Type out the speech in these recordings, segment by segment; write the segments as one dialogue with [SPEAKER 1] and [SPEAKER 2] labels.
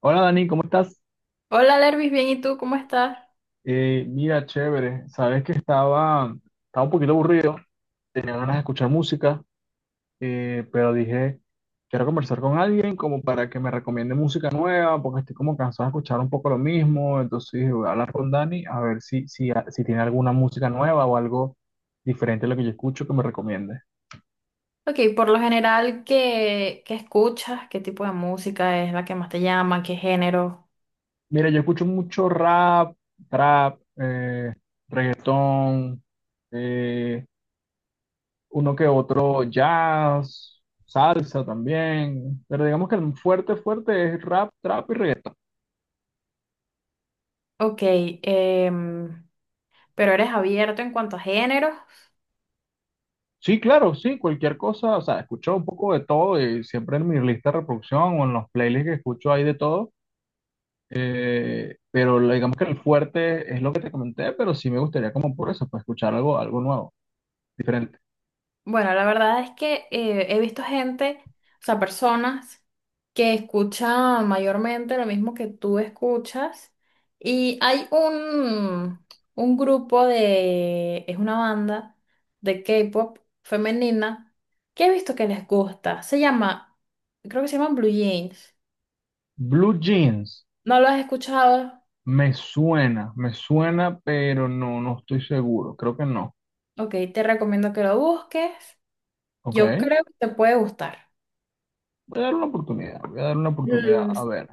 [SPEAKER 1] Hola Dani, ¿cómo estás?
[SPEAKER 2] Hola, Lervis, bien, ¿y tú cómo estás?
[SPEAKER 1] Mira, chévere. Sabes que estaba un poquito aburrido, tenía ganas de escuchar música, pero dije, quiero conversar con alguien como para que me recomiende música nueva, porque estoy como cansado de escuchar un poco lo mismo. Entonces dije, voy a hablar con Dani a ver si tiene alguna música nueva o algo diferente a lo que yo escucho que me recomiende.
[SPEAKER 2] Ok, por lo general, ¿qué escuchas? ¿Qué tipo de música es la que más te llama? ¿Qué género?
[SPEAKER 1] Mira, yo escucho mucho rap, trap, reggaetón, eh, uno que otro jazz, salsa también, pero digamos que el fuerte es rap, trap y reggaetón.
[SPEAKER 2] Ok, em, pero eres abierto en cuanto a géneros.
[SPEAKER 1] Sí, claro, sí, cualquier cosa, o sea, escucho un poco de todo y siempre en mi lista de reproducción o en los playlists que escucho hay de todo, pero digamos que el fuerte es lo que te comenté, pero sí me gustaría como por eso, pues escuchar algo, algo nuevo, diferente.
[SPEAKER 2] Bueno, la verdad es que he visto gente, o sea, personas que escuchan mayormente lo mismo que tú escuchas. Y hay un grupo de, es una banda de K-pop femenina que he visto que les gusta. Se llama, creo que se llaman Blue Jeans.
[SPEAKER 1] Blue Jeans,
[SPEAKER 2] ¿No lo has escuchado?
[SPEAKER 1] me suena, pero no, no estoy seguro, creo que no,
[SPEAKER 2] Ok, te recomiendo que lo busques.
[SPEAKER 1] ¿ok?
[SPEAKER 2] Yo creo que te puede gustar.
[SPEAKER 1] Voy a dar una oportunidad, voy a dar una oportunidad,
[SPEAKER 2] Mm,
[SPEAKER 1] a ver.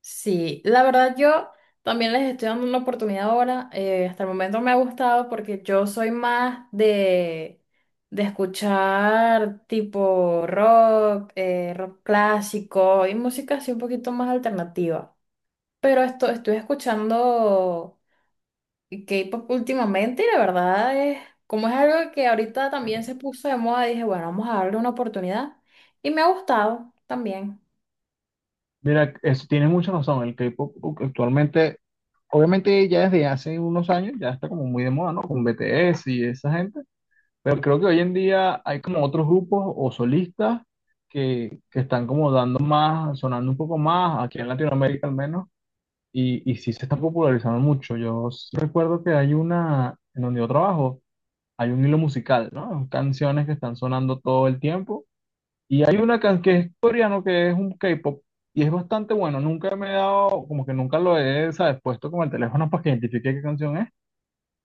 [SPEAKER 2] sí, la verdad yo también les estoy dando una oportunidad ahora. Hasta el momento me ha gustado porque yo soy más de escuchar tipo rock, rock clásico y música así un poquito más alternativa. Pero esto estoy escuchando K-pop últimamente y la verdad es, como es algo que ahorita también se puso de moda, dije, bueno, vamos a darle una oportunidad y me ha gustado también.
[SPEAKER 1] Mira, es, tienes mucha razón. El K-pop actualmente, obviamente ya desde hace unos años, ya está como muy de moda, ¿no? Con BTS y esa gente. Pero creo que hoy en día hay como otros grupos o solistas que están como dando más, sonando un poco más, aquí en Latinoamérica al menos, y sí se está popularizando mucho. Yo recuerdo que hay una, en donde yo trabajo, hay un hilo musical, ¿no? Canciones que están sonando todo el tiempo y hay una canción que es coreano, que es un K-pop, y es bastante bueno. Nunca me he dado, como que nunca lo he, ¿sabes? Puesto con el teléfono para que identifique qué canción es,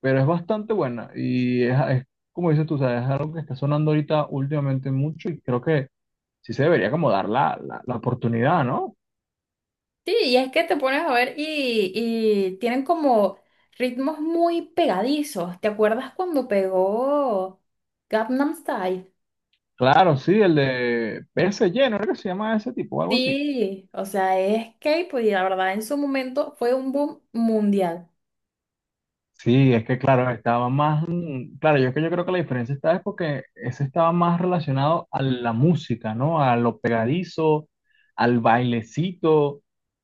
[SPEAKER 1] pero es bastante buena. Y es como dices tú, ¿sabes? Es algo que está sonando ahorita últimamente mucho y creo que sí se debería como dar la oportunidad, ¿no?
[SPEAKER 2] Sí, y es que te pones a ver y tienen como ritmos muy pegadizos. ¿Te acuerdas cuando pegó Gangnam Style?
[SPEAKER 1] Claro, sí, el de PSG, ¿no? Creo que se llama ese tipo o algo así.
[SPEAKER 2] Sí, o sea, es K-pop y la verdad en su momento fue un boom mundial.
[SPEAKER 1] Sí, es que claro, estaba más, claro, yo creo que la diferencia está es porque ese estaba más relacionado a la música, ¿no? A lo pegadizo, al bailecito.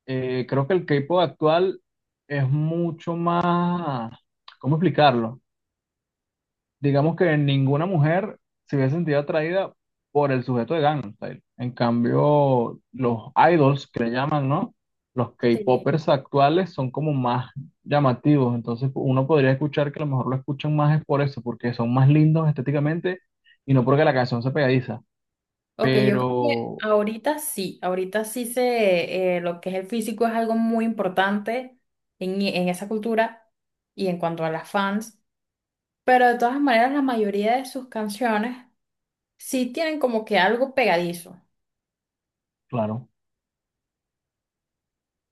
[SPEAKER 1] Creo que el K-pop actual es mucho más, ¿cómo explicarlo? Digamos que ninguna mujer se hubiese sentido atraída por el sujeto de Gangnam Style. En cambio, los idols que le llaman, ¿no? Los
[SPEAKER 2] Sí.
[SPEAKER 1] K-popers actuales son como más llamativos, entonces uno podría escuchar que a lo mejor lo escuchan más es por eso, porque son más lindos estéticamente y no porque la canción sea pegadiza.
[SPEAKER 2] Ok, yo creo que
[SPEAKER 1] Pero,
[SPEAKER 2] ahorita sí lo que es el físico es algo muy importante en esa cultura y en cuanto a las fans, pero de todas maneras la mayoría de sus canciones sí tienen como que algo pegadizo.
[SPEAKER 1] claro.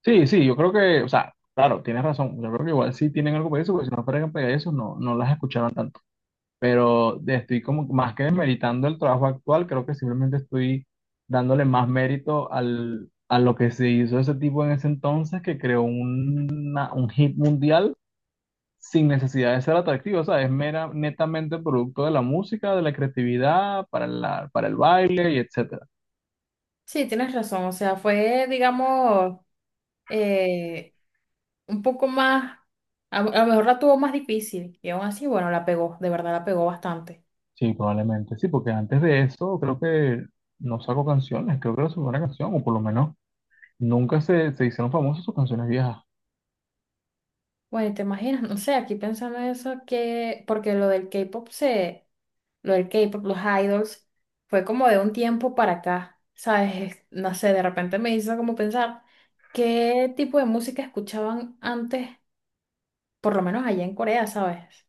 [SPEAKER 1] Sí, sí, yo creo que, o sea, claro, tienes razón. Yo creo que igual sí tienen algo eso, porque si no fueran pegadizos no, no las escuchaban tanto. Pero estoy como más que demeritando el trabajo actual, creo que simplemente estoy dándole más mérito al, a lo que se hizo ese tipo en ese entonces, que creó un hit mundial sin necesidad de ser atractivo, o sea, es mera, netamente producto de la música, de la creatividad, para la, para el baile y etcétera.
[SPEAKER 2] Sí, tienes razón. O sea, fue, digamos, eh, un poco más, a lo mejor la tuvo más difícil. Y aún así, bueno, la pegó, de verdad la pegó bastante.
[SPEAKER 1] Sí, probablemente, sí, porque antes de eso creo que no sacó canciones, creo que era su primera canción, o por lo menos nunca se hicieron famosas sus canciones viejas.
[SPEAKER 2] Bueno, ¿te imaginas? No sé, aquí pensando en eso, que, porque lo del K-pop, los idols, fue como de un tiempo para acá, ¿sabes? Es- No sé, de repente me hizo como pensar qué tipo de música escuchaban antes, por lo menos allá en Corea, ¿sabes?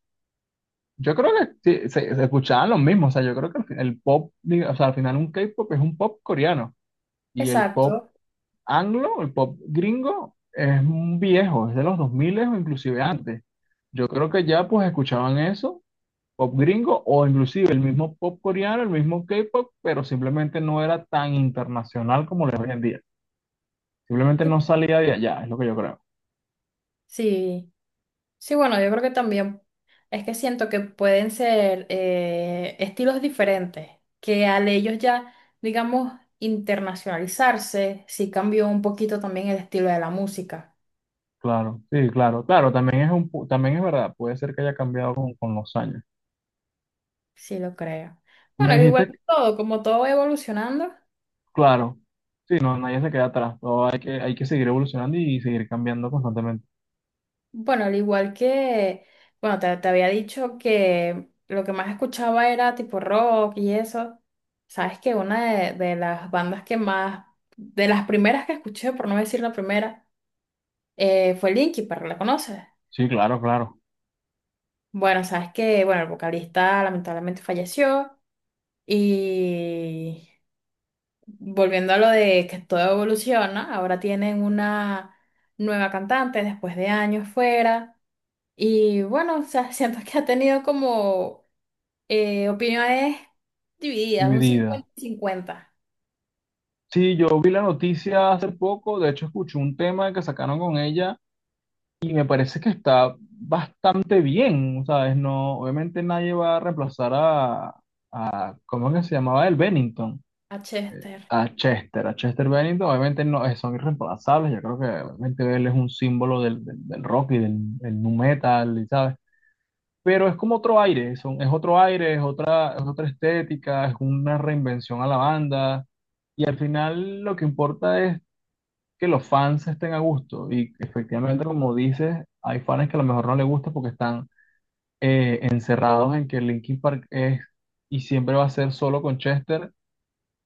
[SPEAKER 1] Yo creo que sí, se escuchaban los mismos, o sea, yo creo que al el pop, o sea, al final un K-pop es un pop coreano y el pop
[SPEAKER 2] Exacto.
[SPEAKER 1] anglo, el pop gringo es un viejo, es de los 2000 o inclusive antes. Yo creo que ya pues escuchaban eso, pop gringo o inclusive el mismo pop coreano, el mismo K-pop, pero simplemente no era tan internacional como lo es hoy en día. Simplemente no salía de allá, es lo que yo creo.
[SPEAKER 2] Sí. Sí, bueno, yo creo que también es que siento que pueden ser estilos diferentes, que al ellos ya, digamos, internacionalizarse, sí cambió un poquito también el estilo de la música,
[SPEAKER 1] Claro, sí, claro, claro, también es un, también es verdad, puede ser que haya cambiado con los años.
[SPEAKER 2] sí lo creo. Bueno,
[SPEAKER 1] Me
[SPEAKER 2] al igual
[SPEAKER 1] dijiste
[SPEAKER 2] que todo, como todo va evolucionando,
[SPEAKER 1] claro, sí, no, nadie se queda atrás, todo hay que seguir evolucionando y seguir cambiando constantemente.
[SPEAKER 2] bueno, al igual que, bueno, te había dicho que lo que más escuchaba era tipo rock y eso. Sabes que una de las bandas que más, de las primeras que escuché, por no decir la primera, fue Linky, pero ¿la conoces?
[SPEAKER 1] Sí, claro, claro,
[SPEAKER 2] Bueno, sabes que, bueno, el vocalista lamentablemente falleció y, volviendo a lo de que todo evoluciona, ahora tienen una nueva cantante después de años fuera y bueno, o sea, siento que ha tenido como opiniones divididas, un
[SPEAKER 1] dividida.
[SPEAKER 2] 50 cincuenta.
[SPEAKER 1] Sí, yo vi la noticia hace poco, de hecho escuché un tema que sacaron con ella y me parece que está bastante bien, ¿sabes? No, obviamente nadie va a reemplazar a, ¿cómo es que se llamaba? El Bennington,
[SPEAKER 2] A Chester.
[SPEAKER 1] a Chester Bennington, obviamente no, son irreemplazables, yo creo que obviamente él es un símbolo del rock y del nu metal, ¿sabes? Pero es como otro aire, son, es otro aire, es otra estética, es una reinvención a la banda y al final lo que importa es que los fans estén a gusto y efectivamente como dices, hay fans que a lo mejor no les gusta porque están encerrados en que Linkin Park es y siempre va a ser solo con Chester,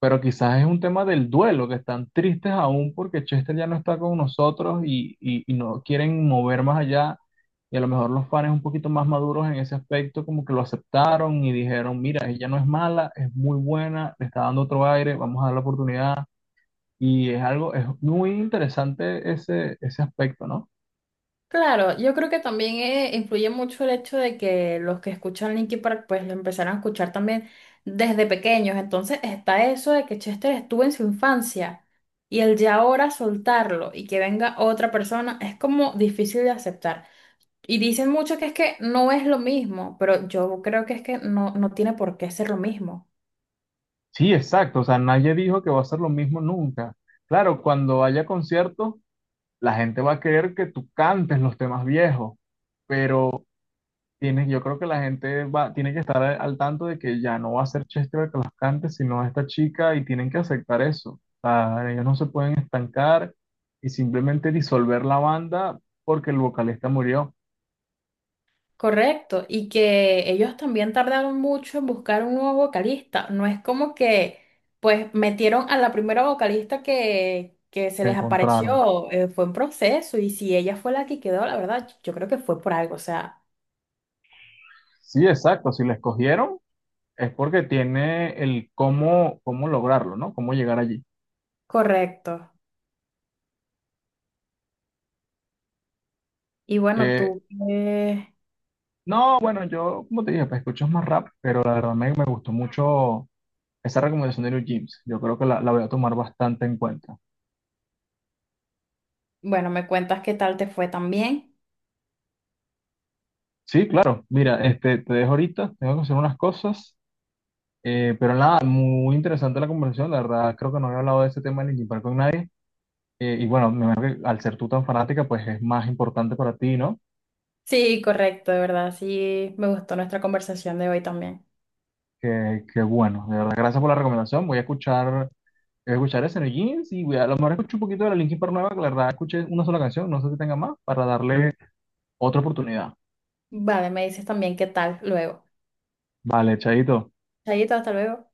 [SPEAKER 1] pero quizás es un tema del duelo, que están tristes aún porque Chester ya no está con nosotros y no quieren mover más allá. Y a lo mejor los fans un poquito más maduros en ese aspecto, como que lo aceptaron y dijeron, mira, ella no es mala, es muy buena, le está dando otro aire, vamos a dar la oportunidad. Y es algo, es muy interesante ese, ese aspecto, ¿no?
[SPEAKER 2] Claro, yo creo que también influye mucho el hecho de que los que escuchan Linkin Park pues lo empezaron a escuchar también desde pequeños. Entonces está eso de que Chester estuvo en su infancia y el ya ahora soltarlo y que venga otra persona es como difícil de aceptar. Y dicen mucho que es que no es lo mismo, pero yo creo que es que no, no tiene por qué ser lo mismo.
[SPEAKER 1] Sí, exacto, o sea, nadie dijo que va a ser lo mismo nunca. Claro, cuando haya conciertos, la gente va a querer que tú cantes los temas viejos. Pero tienes, yo creo que la gente va, tiene que estar al tanto de que ya no va a ser Chester el que las cante, sino esta chica, y tienen que aceptar eso. O sea, ellos no se pueden estancar y simplemente disolver la banda porque el vocalista murió,
[SPEAKER 2] Correcto, y que ellos también tardaron mucho en buscar un nuevo vocalista. No es como que, pues, metieron a la primera vocalista que se
[SPEAKER 1] se
[SPEAKER 2] les
[SPEAKER 1] encontraron.
[SPEAKER 2] apareció, fue un proceso, y si ella fue la que quedó, la verdad, yo creo que fue por algo, o sea,
[SPEAKER 1] Sí, exacto, si la escogieron es porque tiene el cómo, cómo lograrlo, ¿no? Cómo llegar allí.
[SPEAKER 2] correcto. Y bueno,
[SPEAKER 1] Que,
[SPEAKER 2] tú, eh,
[SPEAKER 1] no, bueno, yo, como te dije, pues escucho más rap, pero la verdad me gustó mucho esa recomendación de New Jeans. Yo creo que la voy a tomar bastante en cuenta.
[SPEAKER 2] bueno, me cuentas qué tal te fue también.
[SPEAKER 1] Sí, claro. Mira, este, te dejo ahorita, tengo que hacer unas cosas, pero nada, muy interesante la conversación. La verdad, creo que no había hablado de este tema del Linkin Park con nadie. Y bueno, me imagino que al ser tú tan fanática, pues es más importante para ti, ¿no?
[SPEAKER 2] Sí, correcto, de verdad, sí, me gustó nuestra conversación de hoy también.
[SPEAKER 1] Que bueno, de verdad, gracias por la recomendación. Voy a escuchar eso en el jeans y voy a lo mejor escucho un poquito de la Linkin Park nueva, que la verdad escuché una sola canción, no sé si tenga más, para darle otra oportunidad.
[SPEAKER 2] Vale, me dices también qué tal luego.
[SPEAKER 1] Vale, chaito.
[SPEAKER 2] Chayito, hasta luego.